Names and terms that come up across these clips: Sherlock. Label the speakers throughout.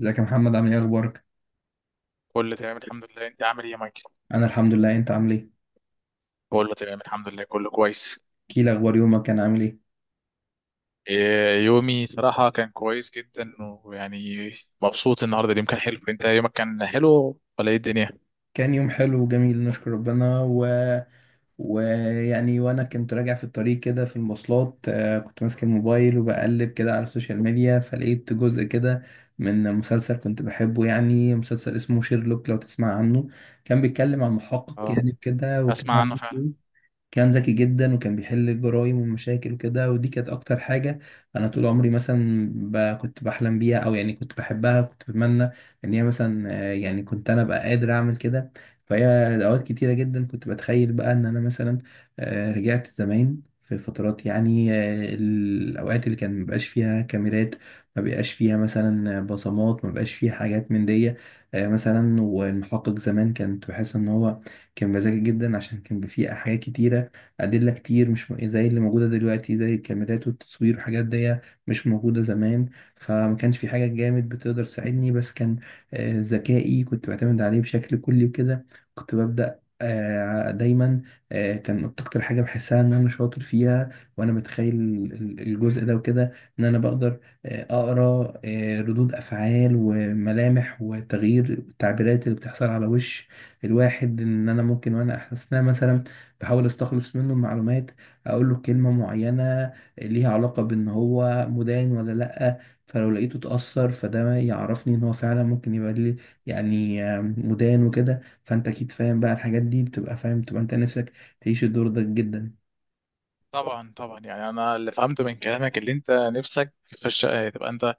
Speaker 1: ازيك يا محمد؟ عامل ايه؟ اخبارك؟
Speaker 2: كله تمام، الحمد لله. انت عامل ايه يا مايكل؟
Speaker 1: انا الحمد لله. انت عامل ايه؟
Speaker 2: كله تمام، الحمد لله، كله كويس.
Speaker 1: احكيلي اخبار يومك، كان عامل ايه؟
Speaker 2: إيه، يومي صراحة كان كويس جدا ويعني مبسوط النهاردة. اليوم كان حلو. انت يومك كان حلو ولا ايه الدنيا؟
Speaker 1: كان يوم حلو وجميل، نشكر ربنا ويعني وانا كنت راجع في الطريق كده في المواصلات، كنت ماسك الموبايل وبقلب كده على السوشيال ميديا، فلقيت جزء كده من مسلسل كنت بحبه، يعني مسلسل اسمه شيرلوك، لو تسمع عنه. كان بيتكلم عن محقق
Speaker 2: اه،
Speaker 1: يعني كده، وكان
Speaker 2: اسمع عنه فعلا.
Speaker 1: كان ذكي جدا، وكان بيحل الجرايم والمشاكل وكده، ودي كانت اكتر حاجة انا طول عمري مثلا كنت بحلم بيها، او يعني كنت بحبها، كنت بتمنى ان هي مثلا، يعني كنت انا ابقى قادر اعمل كده. فهي اوقات كتيرة جدا كنت بتخيل بقى ان انا مثلا، رجعت زمان في فترات، يعني، الاوقات اللي كان مبقاش فيها كاميرات، ما بقاش فيها مثلا بصمات، ما بقاش فيها حاجات من دي، مثلا. والمحقق زمان كنت بحس ان هو كان بذكي جدا، عشان كان فيه حاجات كتيرة، أدلة كتير مش زي اللي موجودة دلوقتي، زي الكاميرات والتصوير والحاجات دي، مش موجودة زمان. فما كانش في حاجة جامد بتقدر تساعدني، بس كان، ذكائي كنت بعتمد عليه بشكل كلي وكده. كنت ببدأ، دايما، كان أكتر حاجة بحسها إن أنا شاطر فيها، وأنا متخيل الجزء ده وكده، إن أنا بقدر، أقرأ، ردود أفعال وملامح وتغيير التعبيرات اللي بتحصل على وش الواحد، ان انا ممكن وانا احسنها مثلا بحاول استخلص منه المعلومات، اقول له كلمة معينة ليها علاقة بان هو مدان ولا لأ، فلو لقيته اتأثر فده يعرفني ان هو فعلا ممكن يبقى لي يعني مدان وكده، فانت اكيد فاهم بقى الحاجات دي، بتبقى فاهم، بتبقى انت نفسك تعيش الدور ده جدا.
Speaker 2: طبعا طبعا، يعني انا اللي فهمته من كلامك اللي انت نفسك في الشقة تبقى انت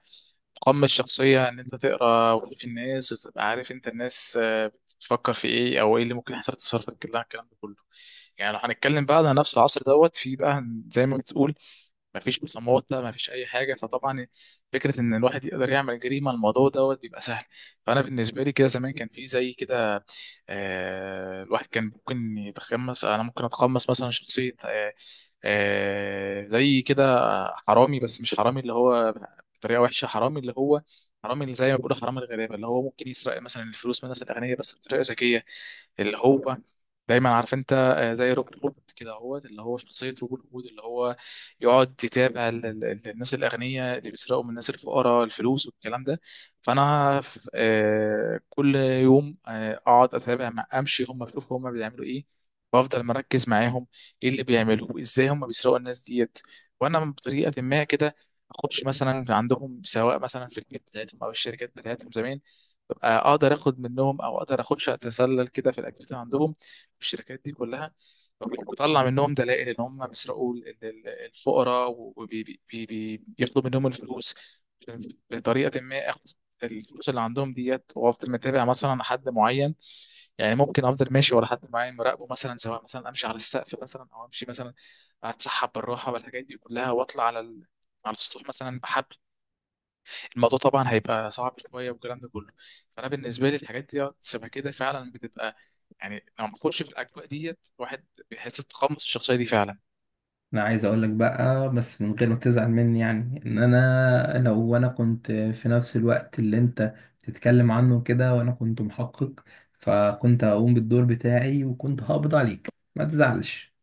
Speaker 2: تقمص الشخصية ان انت تقرا وش الناس وتبقى عارف انت الناس بتفكر في ايه او ايه اللي ممكن يحصل، تصرفات كلها الكلام ده كله. يعني لو هنتكلم بقى على نفس العصر دوت، في بقى زي ما بتقول مفيش مسامحة مفيش أي حاجة، فطبعا فكرة إن الواحد يقدر يعمل جريمة الموضوع دوت بيبقى سهل. فأنا بالنسبة لي كده زمان كان في زي كده. الواحد كان ممكن يتقمص، انا ممكن اتقمص مثلا شخصية زي كده، حرامي، بس مش حرامي اللي هو بطريقة وحشة، حرامي اللي هو حرامي اللي زي ما بيقولوا حرامي الغلابة، اللي هو ممكن يسرق مثلا الفلوس من الناس الأغنياء بس بطريقة ذكية، اللي هو دايما عارف انت زي روبن هود كده، اهوت اللي هو شخصية روبن هود اللي هو يقعد يتابع الناس الأغنياء اللي بيسرقوا من الناس الفقراء الفلوس والكلام ده. فانا كل يوم اقعد اتابع مع امشي هم اشوف هم بيعملوا ايه، وافضل مركز معاهم ايه اللي بيعملوه، ازاي هم بيسرقوا الناس ديت، وانا بطريقه ما كده اخش مثلا عندهم سواء مثلا في البيت بتاعتهم او الشركات بتاعتهم زمان، ببقى اقدر اخد منهم او اقدر اخش اتسلل كده في الاكتيفيتي عندهم في الشركات دي كلها، بطلع منهم دلائل ان هم بيسرقوا الفقراء وبياخدوا منهم الفلوس بطريقه ما، الفلوس اللي عندهم ديت، وافضل متابع مثلا حد معين. يعني ممكن افضل ماشي ورا حد معين مراقبه، مثلا سواء مثلا امشي على السقف مثلا او امشي مثلا اتسحب بالراحه والحاجات دي كلها، واطلع على على السطوح مثلا بحبل. الموضوع طبعا هيبقى صعب شويه والكلام ده كله. فانا بالنسبه لي الحاجات دي شبه كده فعلا بتبقى، يعني لما بتخش في الاجواء ديت الواحد بيحس بتقمص الشخصيه دي فعلا.
Speaker 1: انا عايز اقول لك بقى بس من غير ما تزعل مني، يعني ان انا، لو انا كنت في نفس الوقت اللي انت بتتكلم عنه كده وانا كنت محقق، فكنت هقوم بالدور بتاعي وكنت هقبض عليك، ما تزعلش،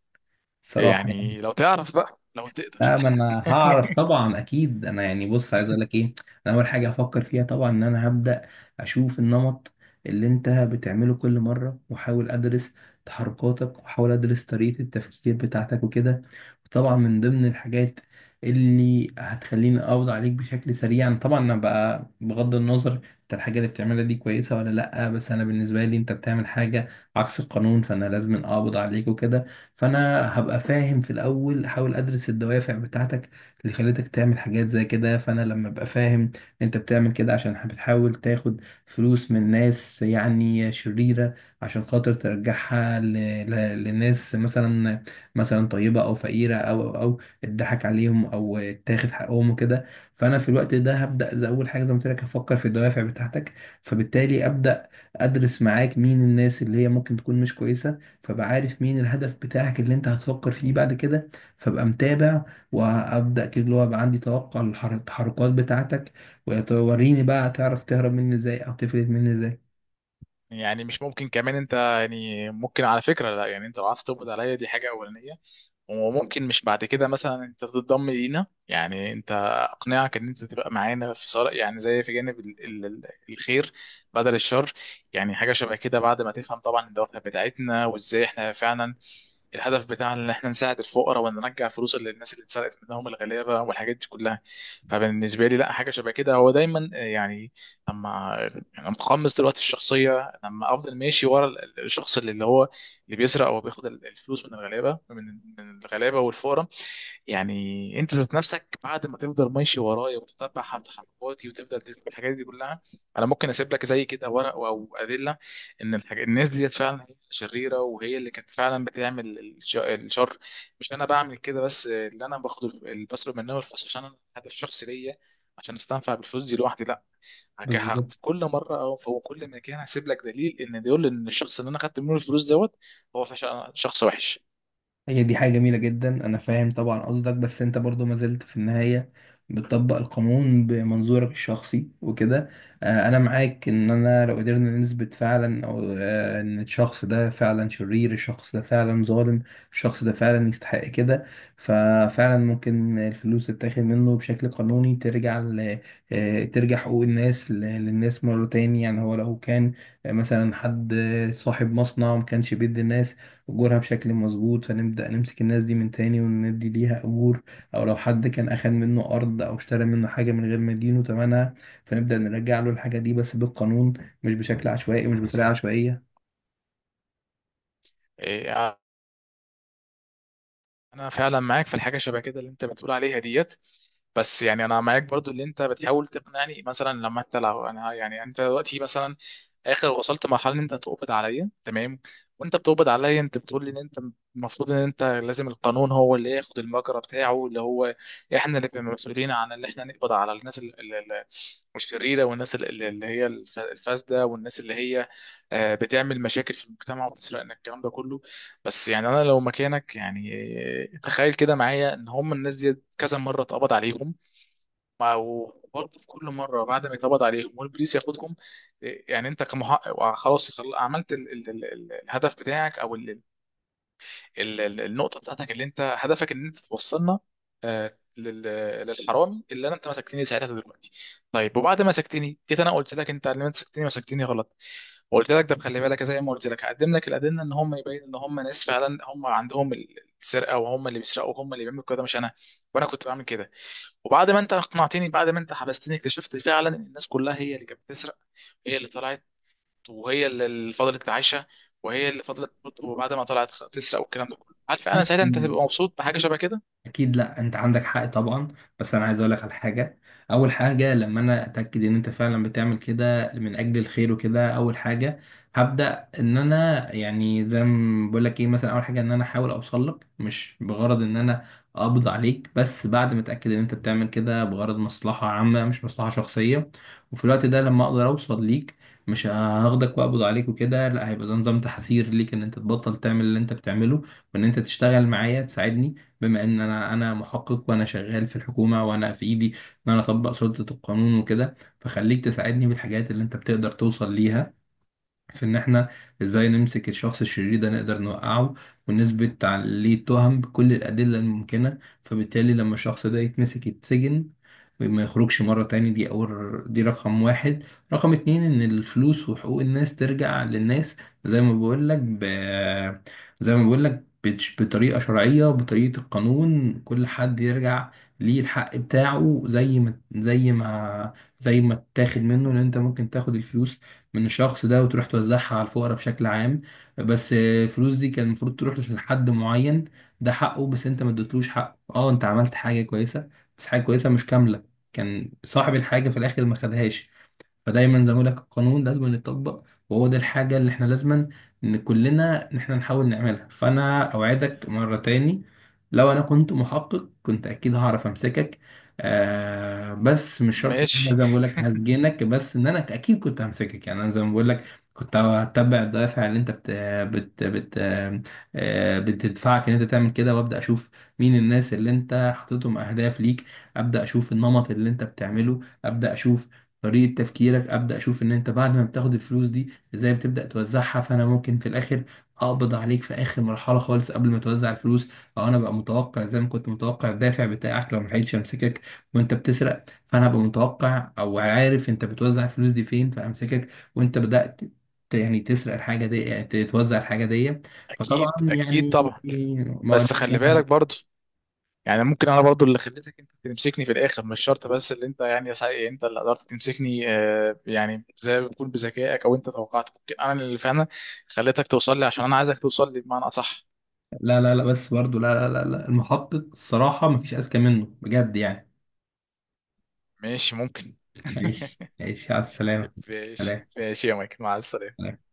Speaker 1: صراحة يعني.
Speaker 2: يعني لو تعرف بقى لو تقدر.
Speaker 1: لا، ما انا هعرف طبعا، اكيد، انا يعني بص، عايز اقول لك ايه. انا اول حاجة هفكر فيها طبعا ان انا هبدأ اشوف النمط اللي انت بتعمله كل مرة، واحاول ادرس تحركاتك، واحاول ادرس طريقة التفكير بتاعتك وكده. وطبعا من ضمن الحاجات اللي هتخليني اقبض عليك بشكل سريع، أنا طبعا انا بقى بغض النظر انت الحاجة اللي بتعملها دي كويسة ولا لا، بس انا بالنسبة لي انت بتعمل حاجة عكس القانون، فانا لازم اقبض عليك وكده. فانا هبقى فاهم في الاول، احاول ادرس الدوافع بتاعتك اللي خلتك تعمل حاجات زي كده، فانا لما ابقى فاهم انت بتعمل كده عشان بتحاول تاخد فلوس من ناس يعني شريرة، عشان خاطر ترجعها لناس مثلا، مثلا طيبة او فقيرة، او اتضحك عليهم، او اتاخد حقهم وكده. فانا في الوقت ده هبدا، زي اول حاجه زي ما قلت لك، هفكر في الدوافع بتاعتك، فبالتالي ابدا ادرس معاك مين الناس اللي هي ممكن تكون مش كويسة، فبقى عارف مين الهدف بتاعك اللي انت هتفكر فيه بعد كده، فبقى متابع، وابدا كده اللي هو بقى عندي توقع للتحركات بتاعتك، وتوريني بقى تعرف تهرب مني ازاي او تفلت مني ازاي.
Speaker 2: يعني مش ممكن كمان انت، يعني ممكن على فكره، لا يعني انت لو عرفت تقبض عليا دي حاجه اولانيه، وممكن مش بعد كده مثلا انت تتضم لينا، يعني انت اقنعك ان انت تبقى معانا في صالح، يعني زي في جانب الخير بدل الشر. يعني حاجه شبه كده، بعد ما تفهم طبعا الدوافع بتاعتنا، وازاي احنا فعلا الهدف بتاع ان احنا نساعد الفقراء، وان نرجع فلوس للناس اللي اتسرقت منهم الغلابه والحاجات دي كلها. فبالنسبه لي، لا حاجه شبه كده هو دايما، يعني لما انا متقمص دلوقتي الشخصيه، لما افضل ماشي ورا الشخص اللي هو اللي بيسرق او بياخد الفلوس من الغلابه، من الغلابه والفقراء، يعني انت ذات نفسك بعد ما تفضل ماشي ورايا وتتبع تحركاتي وتفضل تفهم الحاجات دي كلها، انا ممكن اسيب لك زي كده ورق او ادله ان الناس ديت فعلا هي شريره، وهي اللي كانت فعلا بتعمل الشر، مش انا بعمل كده، بس اللي انا باخد اللي بصرف منها الفلوس عشان انا هدف شخصي ليا عشان استنفع بالفلوس دي لوحدي، لا.
Speaker 1: بالظبط.
Speaker 2: في كل مره او في كل مكان هسيب لك دليل ان ديقول ان الشخص اللي انا خدت منه الفلوس دوت هو فعلا شخص وحش.
Speaker 1: هي دي حاجة جميلة جدا، أنا فاهم طبعا قصدك، بس أنت برضو ما زلت في النهاية بتطبق القانون بمنظورك الشخصي وكده. أنا معاك إن أنا لو قدرنا نثبت فعلا، أو إن الشخص ده فعلا شرير، الشخص ده فعلا ظالم، الشخص ده فعلا يستحق كده، ففعلا ممكن الفلوس تتاخد منه بشكل قانوني، ترجع ترجع حقوق الناس للناس مرة تاني. يعني هو لو كان مثلا حد، صاحب مصنع ما كانش بيدي الناس أجورها بشكل مظبوط، فنبدأ نمسك الناس دي من تاني وندي ليها أجور. أو لو حد كان أخد منه أرض أو اشترى منه حاجة من غير ما يدينه تمنها، فنبدأ نرجع له الحاجة دي، بس بالقانون، مش بشكل عشوائي، مش بطريقة عشوائية.
Speaker 2: إيه، انا فعلا معاك في الحاجه شبه كده اللي انت بتقول عليها ديت، بس يعني انا معاك برضو اللي انت بتحاول تقنعني، مثلا لما انت لو انا، يعني انت دلوقتي مثلا اخر وصلت مرحله ان انت تقبض عليا، تمام، وانت بتقبض عليا انت بتقول لي ان انت المفروض ان انت لازم القانون هو اللي ياخد المجرى بتاعه، اللي هو احنا اللي بنبقى مسؤولين عن اللي احنا نقبض على الناس الشريره، والناس اللي هي الفاسده، والناس اللي هي بتعمل مشاكل في المجتمع وبتسرقنا الكلام ده كله. بس يعني انا لو مكانك، يعني تخيل كده معايا ان هم الناس دي كذا مره اتقبض عليهم، ما هو برضه في كل مره بعد ما يتقبض عليهم والبوليس ياخدهم. إيه، يعني انت كمحقق خلاص عملت ال ال ال ال الهدف بتاعك او ال ال ال النقطه بتاعتك اللي انت هدفك ان انت توصلنا لل- للحرامي، اللي انا انت مسكتني ساعتها دلوقتي. طيب، وبعد ما مسكتني جيت انا قلت لك انت اللي مسكتني، مسكتني غلط، وقلت لك ده خلي بالك زي ما قلت لك هقدم لك الادله ان هم، يبين ان هم ناس فعلا هم عندهم السرقه، وهم اللي بيسرقوا وهم اللي بيعملوا كده مش انا، وانا كنت بعمل كده. وبعد ما انت اقنعتني، بعد ما انت حبستني اكتشفت فعلا ان الناس كلها هي اللي كانت بتسرق، هي اللي طلعت وهي اللي فضلت عايشه، وهي اللي فضلت وبعد ما طلعت تسرق والكلام ده كله، عارف انا ساعتها انت هتبقى مبسوط بحاجه شبه كده.
Speaker 1: اكيد، لا انت عندك حق طبعا. بس انا عايز اقول لك على حاجه. اول حاجه، لما انا اتاكد ان انت فعلا بتعمل كده من اجل الخير وكده، اول حاجه هبدا ان انا، يعني زي ما بقول لك ايه، مثلا اول حاجه ان انا احاول اوصل لك، مش بغرض ان انا اقبض عليك، بس بعد ما اتاكد ان انت بتعمل كده بغرض مصلحه عامه مش مصلحه شخصيه. وفي الوقت ده لما اقدر اوصل ليك، مش هاخدك واقبض عليك وكده، لا، هيبقى ده نظام تحذير ليك ان انت تبطل تعمل اللي انت بتعمله، وان انت تشتغل معايا تساعدني، بما ان انا محقق وانا شغال في الحكومه، وانا في ايدي ان انا اطبق سلطه القانون وكده، فخليك تساعدني بالحاجات اللي انت بتقدر توصل ليها في ان احنا ازاي نمسك الشخص الشرير ده، نقدر نوقعه ونثبت عليه تهم بكل الادله الممكنه. فبالتالي لما الشخص ده يتمسك يتسجن ما يخرجش مره تاني، دي اول، دي رقم واحد. رقم اتنين، ان الفلوس وحقوق الناس ترجع للناس، زي ما بقول لك زي ما بقول لك، بطريقه شرعيه، بطريقه القانون، كل حد يرجع ليه الحق بتاعه زي ما اتاخد منه. لان انت ممكن تاخد الفلوس من الشخص ده وتروح توزعها على الفقراء بشكل عام، بس الفلوس دي كان المفروض تروح لحد معين، ده حقه، بس انت ما اديتلوش حقه. اه، انت عملت حاجة كويسة، بس حاجة كويسة مش كاملة، كان صاحب الحاجة في الآخر ما خدهاش. فدايما زي ما بقول لك، القانون لازم يتطبق، وهو ده الحاجة اللي احنا لازم، ان كلنا، ان احنا نحاول نعملها. فانا اوعدك مرة تاني، لو انا كنت محقق كنت اكيد هعرف امسكك. آه، بس مش شرط ان انا
Speaker 2: ماشي.
Speaker 1: زي ما بقول لك هسجنك، بس ان انا اكيد كنت همسكك. يعني انا زي ما بقول لك كنت هتبع الدوافع اللي انت بت بت بت بتدفعك ان انت تعمل كده، وابدا اشوف مين الناس اللي انت حاططهم اهداف ليك، ابدا اشوف النمط اللي انت بتعمله، ابدا اشوف طريقة تفكيرك، أبدأ أشوف إن أنت بعد ما بتاخد الفلوس دي إزاي بتبدأ توزعها، فأنا ممكن في الآخر أقبض عليك في آخر مرحلة خالص قبل ما توزع الفلوس، أو أنا بقى متوقع زي ما كنت متوقع الدافع بتاعك، لو ملحقتش أمسكك وأنت بتسرق، فأنا بقى متوقع أو عارف أنت بتوزع الفلوس دي فين، فأمسكك وأنت بدأت يعني تسرق الحاجة دي، يعني توزع الحاجة دي. فطبعا
Speaker 2: اكيد اكيد
Speaker 1: يعني،
Speaker 2: طبعا.
Speaker 1: ما
Speaker 2: بس
Speaker 1: اقولكش إن
Speaker 2: خلي بالك برضو، يعني ممكن انا برضو اللي خليتك انت تمسكني في الاخر، مش شرط بس اللي انت، يعني يا سعيد انت اللي قدرت تمسكني، يعني زي ما بتقول بذكائك، او انت توقعت ممكن انا اللي فعلا خليتك توصل لي عشان انا عايزك توصل لي بمعنى اصح.
Speaker 1: لا لا لا، بس برضو لا لا لا لا، المحقق الصراحة مفيش أذكى منه بجد يعني.
Speaker 2: ماشي ممكن.
Speaker 1: عيش عيش على السلامة.
Speaker 2: ماشي
Speaker 1: سلام
Speaker 2: ماشي يا مايك، مع السلامة.
Speaker 1: سلام.